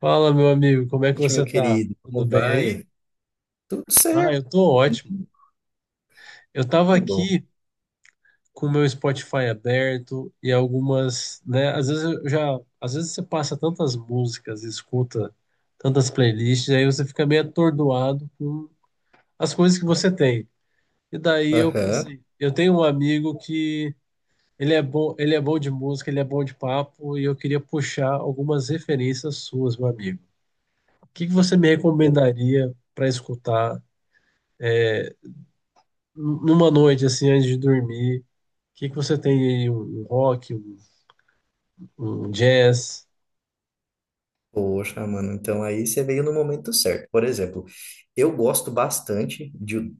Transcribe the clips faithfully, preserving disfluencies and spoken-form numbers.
Fala, meu amigo, como é que Noite, meu você tá? querido. Como Tudo bem aí? vai? Tudo Ah, certo, eu tô ótimo. Eu tava que bom. aqui com o meu Spotify aberto e algumas, né, às vezes eu já, às vezes você passa tantas músicas e escuta tantas playlists, aí você fica meio atordoado com as coisas que você tem. E daí eu Aham. pensei, eu tenho um amigo que ele é bom, ele é bom de música, ele é bom de papo e eu queria puxar algumas referências suas, meu amigo. O que que você me Po- recomendaria para escutar numa noite assim antes de dormir? O que que você tem aí? Um, um rock, um, um jazz? Poxa, mano, então aí você veio no momento certo. Por exemplo, eu gosto bastante de.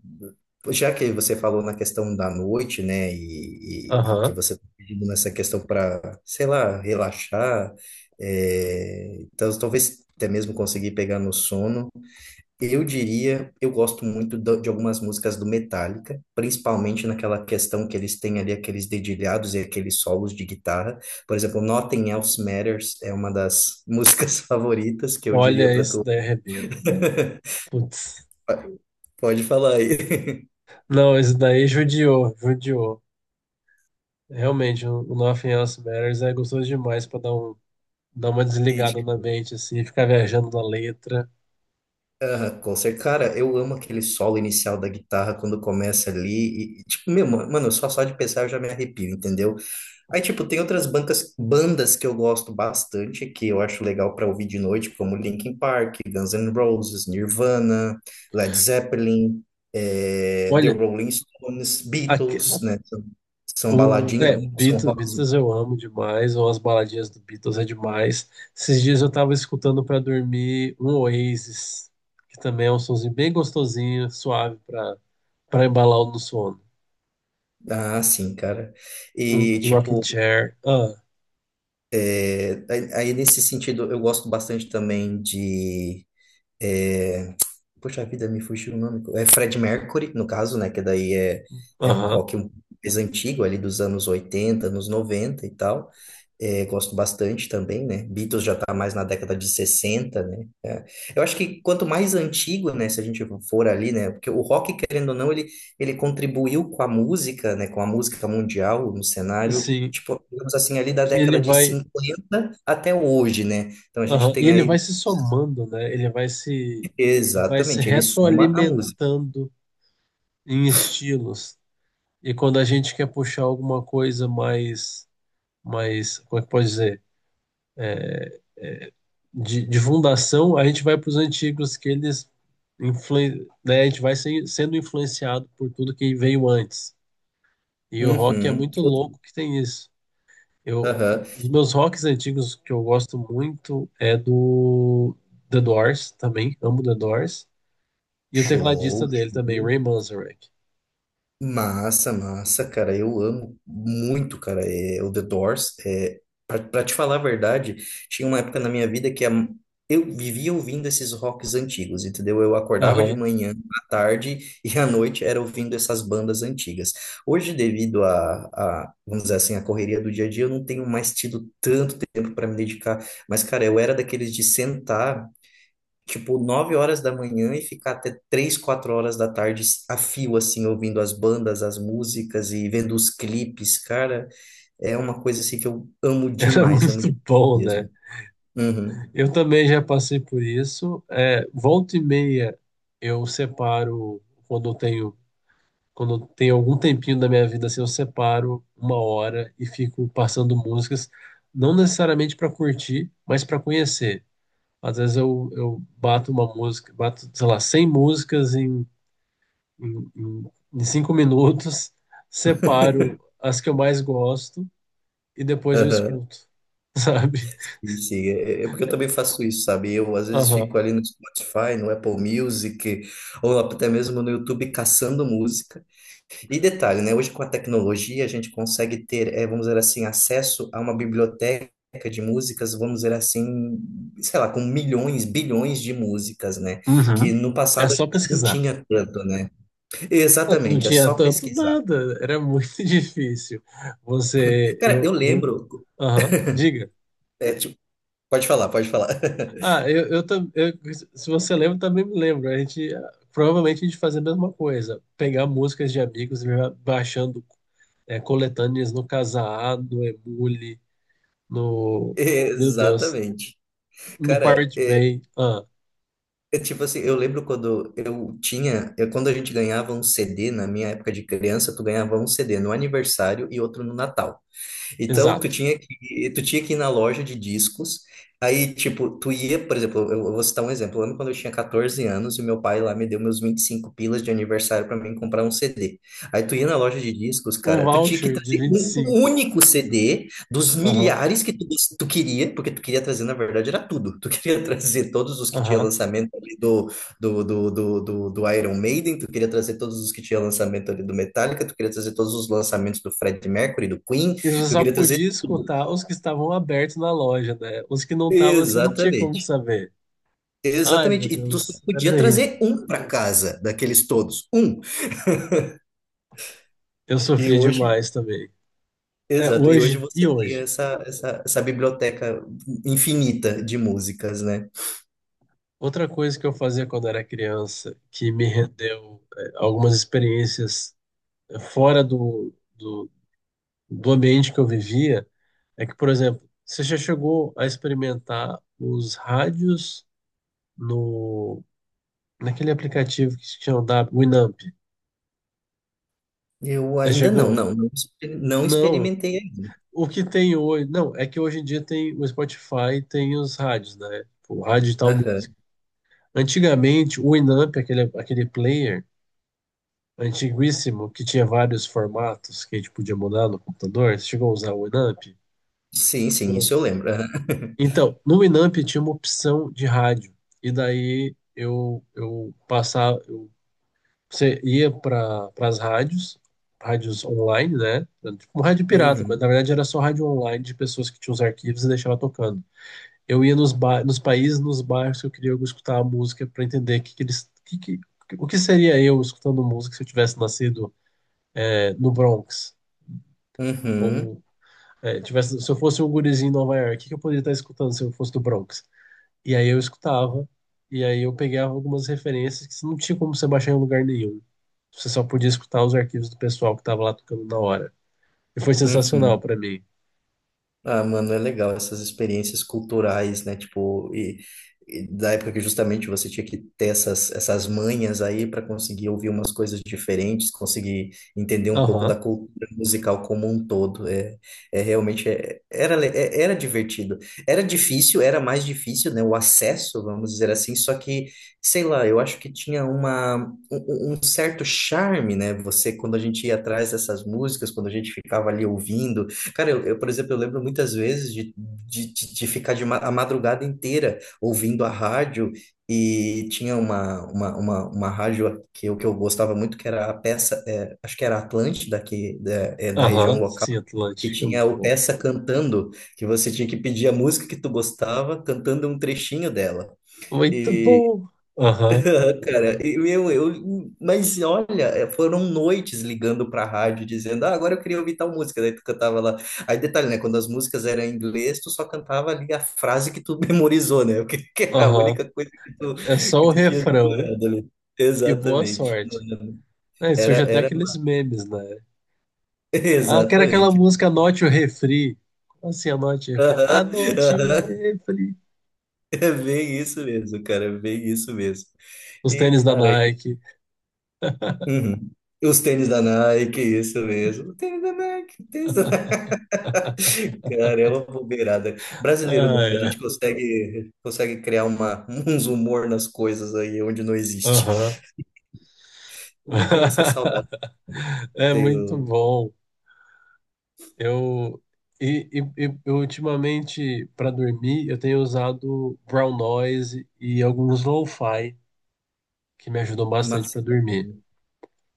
Já que você falou na questão da noite, né, e, e- e que Aham. você tá pedindo nessa questão para, sei lá, relaxar, é, então talvez até mesmo conseguir pegar no sono. Eu diria, eu gosto muito do- de algumas músicas do Metallica, principalmente naquela questão que eles têm ali aqueles dedilhados e aqueles solos de guitarra. Por exemplo, Nothing Else Matters é uma das músicas favoritas que eu diria Olha, para esse tu. daí arrebenta, né? Putz. Pode falar aí. Não, esse daí judiou, judiou. Realmente, o o Nothing Else Matters é gostoso demais pra dar um, dar uma E, desligada na tipo, mente assim, ficar viajando na letra. aham, com certeza. Cara, eu amo aquele solo inicial da guitarra quando começa ali. E, e, tipo, meu, ma- mano, só só de pensar eu já me arrepio, entendeu? Aí, tipo, tem outras bancas, bandas que eu gosto bastante, que eu acho legal pra ouvir de noite, como Linkin Park, Guns N' Roses, Nirvana, Led Zeppelin, eh, The Olha, Rolling Stones, aque- Beatles, né? São, são o, baladinhas, é, são Beatles, rocks. Beatles eu amo demais, ou as baladinhas do Beatles é demais. Esses dias eu tava escutando pra dormir um Oasis, que também é um sonzinho bem gostosinho, suave pra, pra embalar o no sono. Ah, sim, cara. Um E, rocking tipo, chair. Ah, eh, aí aí nesse sentido, eu gosto bastante também de. é, Poxa vida, me fugiu o nome. É Fred Mercury, no caso, né? Que daí é, é um aham, rock um- mais antigo, ali dos anos oitenta, anos noventa e tal. É, gosto bastante também, né? Beatles já tá mais na década de sessenta, né? É. Eu acho que quanto mais antigo, né? Se a gente for ali, né? Porque o rock, querendo ou não, ele, ele contribuiu com a música, né? Com a música mundial no cenário. sim. Tipo, digamos assim, ali da E ele década de vai, cinquenta até hoje, né? Então a gente aham, e tem ele vai aí, se somando, né? Ele vai se, vai se exatamente, ele soma a música. retroalimentando em estilos. E quando a gente quer puxar alguma coisa mais, mais, como é que pode dizer? de, de fundação, a gente vai para os antigos que eles influen- né, a gente vai se- sendo influenciado por tudo que veio antes. E o rock é Uhum. muito Outro- louco que tem isso. Eu, Aham. os meus rocks antigos que eu gosto muito é do The Doors também, amo The Doors. E o tecladista Show, dele também, show. Ray Manzarek. Massa, massa, cara. Eu amo muito, cara. É, o The Doors. É, pra, pra te falar a verdade, tinha uma época na minha vida que a- eu vivia ouvindo esses rocks antigos, entendeu? Eu acordava de Aham. manhã, à tarde e à noite era ouvindo essas bandas antigas. Hoje, devido a, a, vamos dizer assim, a correria do dia a dia, eu não tenho mais tido tanto tempo para me dedicar. Mas, cara, eu era daqueles de sentar. Tipo, nove horas da manhã e ficar até três quatro horas da tarde a fio, assim, ouvindo as bandas, as músicas e vendo os clipes, cara, é uma coisa, assim, que eu amo Era demais, amo muito demais bom, né? mesmo. Uhum. Eu também já passei por isso. É, volta e meia eu separo quando eu tenho. Quando tem algum tempinho da minha vida, assim, eu separo uma hora e fico passando músicas, não necessariamente para curtir, mas para conhecer. Às vezes eu, eu bato uma música, bato, sei lá, cem músicas em, em, em em cinco minutos, separo as que eu mais gosto e depois eu Aham. escuto, sabe? Sim, sim. É, é é porque eu também faço isso, sabe? Eu às vezes Aham. fico ali no Spotify, no Apple Music, ou até mesmo no YouTube caçando música. E detalhe, né? Hoje com a tecnologia a gente consegue ter, eh, vamos dizer assim, acesso a uma biblioteca de músicas, vamos dizer assim, sei lá, com milhões, bilhões de músicas, né? Que Uhum. no É passado a só gente não pesquisar. tinha tanto, né? Não, não Exatamente, é tinha só tanto pesquisar. nada, era muito difícil. Você, Cara, eu, eu eu, lembro, aham, diga. é, tipo, pode falar, pode falar. Ah, eu, eu, tam- eu- se você lembra, também me lembro. A gente, ah, provavelmente a gente fazia a mesma coisa, pegar músicas de amigos e ir baixando, é, coletâneas no Kazaa, no Emule, no, meu Deus, Exatamente. no Cara, Pirate é, Bay. Ah, é tipo assim, eu lembro quando eu tinha, eu- quando a gente ganhava um C D, na minha época de criança, tu ganhava um C D no aniversário e outro no Natal. Então, tu exato. tinha que, tu tinha que ir na loja de discos. Aí, tipo, tu ia, por exemplo, eu eu vou citar um exemplo. Eu lembro quando eu tinha catorze anos e meu pai lá me deu meus vinte e cinco pilas de aniversário para mim comprar um C D. Aí tu ia na loja de discos, Um cara, tu tinha que voucher de trazer vinte e um cinco. único C D dos Aham, milhares que tu, tu queria, porque tu queria trazer, na verdade, era tudo. Tu queria trazer todos os que tinha aham. lançamento ali do, do, do, do, do, do Iron Maiden, tu queria trazer todos os que tinha lançamento ali do Metallica, tu queria trazer todos os lançamentos do Freddie Mercury, do Queen, E você tu só queria trazer podia tudo. escutar os que estavam abertos na loja, né? Os que não estavam, você não tinha como Exatamente. saber. Ai, meu Exatamente. E tu só Deus, era podia terrível. trazer um para casa, daqueles todos. Um. Eu E sofri hoje, demais também. É exato. E hoje hoje e você tem hoje. essa, essa, essa biblioteca infinita de músicas, né? Outra coisa que eu fazia quando era criança, que me rendeu, eh, algumas experiências, eh, fora do, do, do ambiente que eu vivia, é que, por exemplo, você já chegou a experimentar os rádios no, naquele aplicativo que se chama da Winamp? Eu Já ainda não, chegou? não, não, exper- não Não. experimentei ainda. O que tem hoje? Não, é que hoje em dia tem o Spotify, tem os rádios, né? Tipo, o rádio de tal música. Aham. Antigamente, o Winamp, aquele, aquele player antiguíssimo, que tinha vários formatos que a gente podia mudar no computador. Você chegou a usar o Winamp? Sim, sim, isso eu lembro. Aham. Então, no Winamp tinha uma opção de rádio. E daí eu, eu passava, eu, você ia para as rádios, rádios online, né? Tipo um rádio pirata, mas Uhum, na verdade era só rádio online de pessoas que tinham os arquivos e deixava tocando. Eu ia nos, ba nos países, nos bairros que eu queria escutar a música para entender que que eles, que, que, o que seria eu escutando música se eu tivesse nascido, é, no Bronx uhum, ou, é, tivesse, se eu fosse um gurizinho em Nova York, o que que eu poderia estar escutando se eu fosse do Bronx? E aí eu escutava, e aí eu pegava algumas referências que não tinha como você baixar em lugar nenhum. Você só podia escutar os arquivos do pessoal que estava lá tocando na hora. E foi sensacional uhum. para mim. Ah, mano, é legal essas experiências culturais, né? Tipo, e, e da época que justamente você tinha que ter essas, essas manhas aí para conseguir ouvir umas coisas diferentes, conseguir entender um pouco da Aham, cultura musical como um todo. É, é realmente é- era, le- é- era divertido. Era difícil, era mais difícil, né? O acesso, vamos dizer assim, só que, sei lá, eu acho que tinha uma, um, um um certo charme, né? Você, quando a gente ia atrás dessas músicas, quando a gente ficava ali ouvindo. Cara, eu, eu, por exemplo, eu lembro muitas vezes de, de, de de ficar de ma a madrugada inteira ouvindo a rádio e tinha uma, uma, uma, uma rádio que eu, que eu gostava muito, que era a peça, é, acho que era Atlântida, que, da, é, da região aham, local, sim, que Atlântica, tinha muito o bom. peça cantando, que você tinha que pedir a música que tu gostava, cantando um trechinho dela. Muito bom! Aham, Ah, cara, e, meu, eu, mas olha, é, foram noites ligando pra rádio dizendo, ah, agora eu queria ouvir tal música, daí tu cantava lá. Aí detalhe, né, quando as músicas eram em inglês, tu só cantava ali a frase que tu memorizou, né, porque que é a aham. única coisa que tu, É só que o tu tinha refrão decorado ali. e boa Exatamente. sorte. Mano, É, Era, surge até era, aqueles memes, né? Ah, que era aquela exatamente. música Anote o Refri. Como assim, Anote o Refri? Aham, Anote o aham. Refri. É bem isso mesmo, cara, é bem isso mesmo. Os E, tênis da cara. Nike. Uhum. Os tênis da Nike, isso mesmo. Tênis da Nike, tênis da. Cara, é uma bobeirada. Brasileiro, né? Ah, A é. gente consegue, consegue criar uma, uns humor nas coisas aí onde não existe. Aham. Eu tenho essa saudade. É muito Tenho bom. Eu, e, e- e- eu ultimamente, para dormir, eu tenho usado brown noise e alguns lo-fi, que me ajudam uma. bastante para dormir.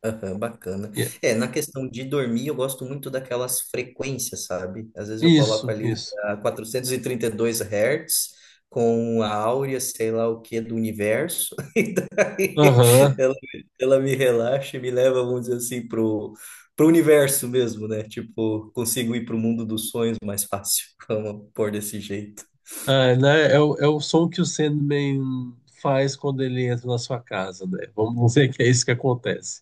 Aham, bacana. E- é, É, na questão de dormir, eu gosto muito daquelas frequências, sabe? Às vezes eu coloco Isso, ali isso. a quatrocentos e e trinta e dois Hz com a áurea, sei lá o que, do universo, e daí Aham. ela, ela me relaxa e me leva, vamos dizer assim, pro, pro universo mesmo, né? Tipo, consigo ir pro mundo dos sonhos mais fácil, vamos pôr desse jeito. Ah, né? É o, é o som que o Sandman faz quando ele entra na sua casa, né? Vamos dizer que é isso que acontece.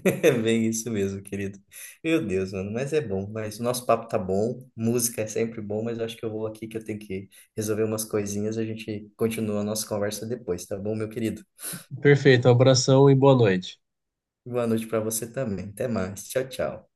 É bem isso mesmo, querido. Meu Deus, mano, mas é bom. Mas o nosso papo tá bom, música é sempre bom, mas eu acho que eu vou aqui que eu tenho que resolver umas coisinhas. A gente continua a nossa conversa depois, tá bom, meu querido? Perfeito, abração e boa noite. Boa noite pra você também. Até mais. Tchau, tchau.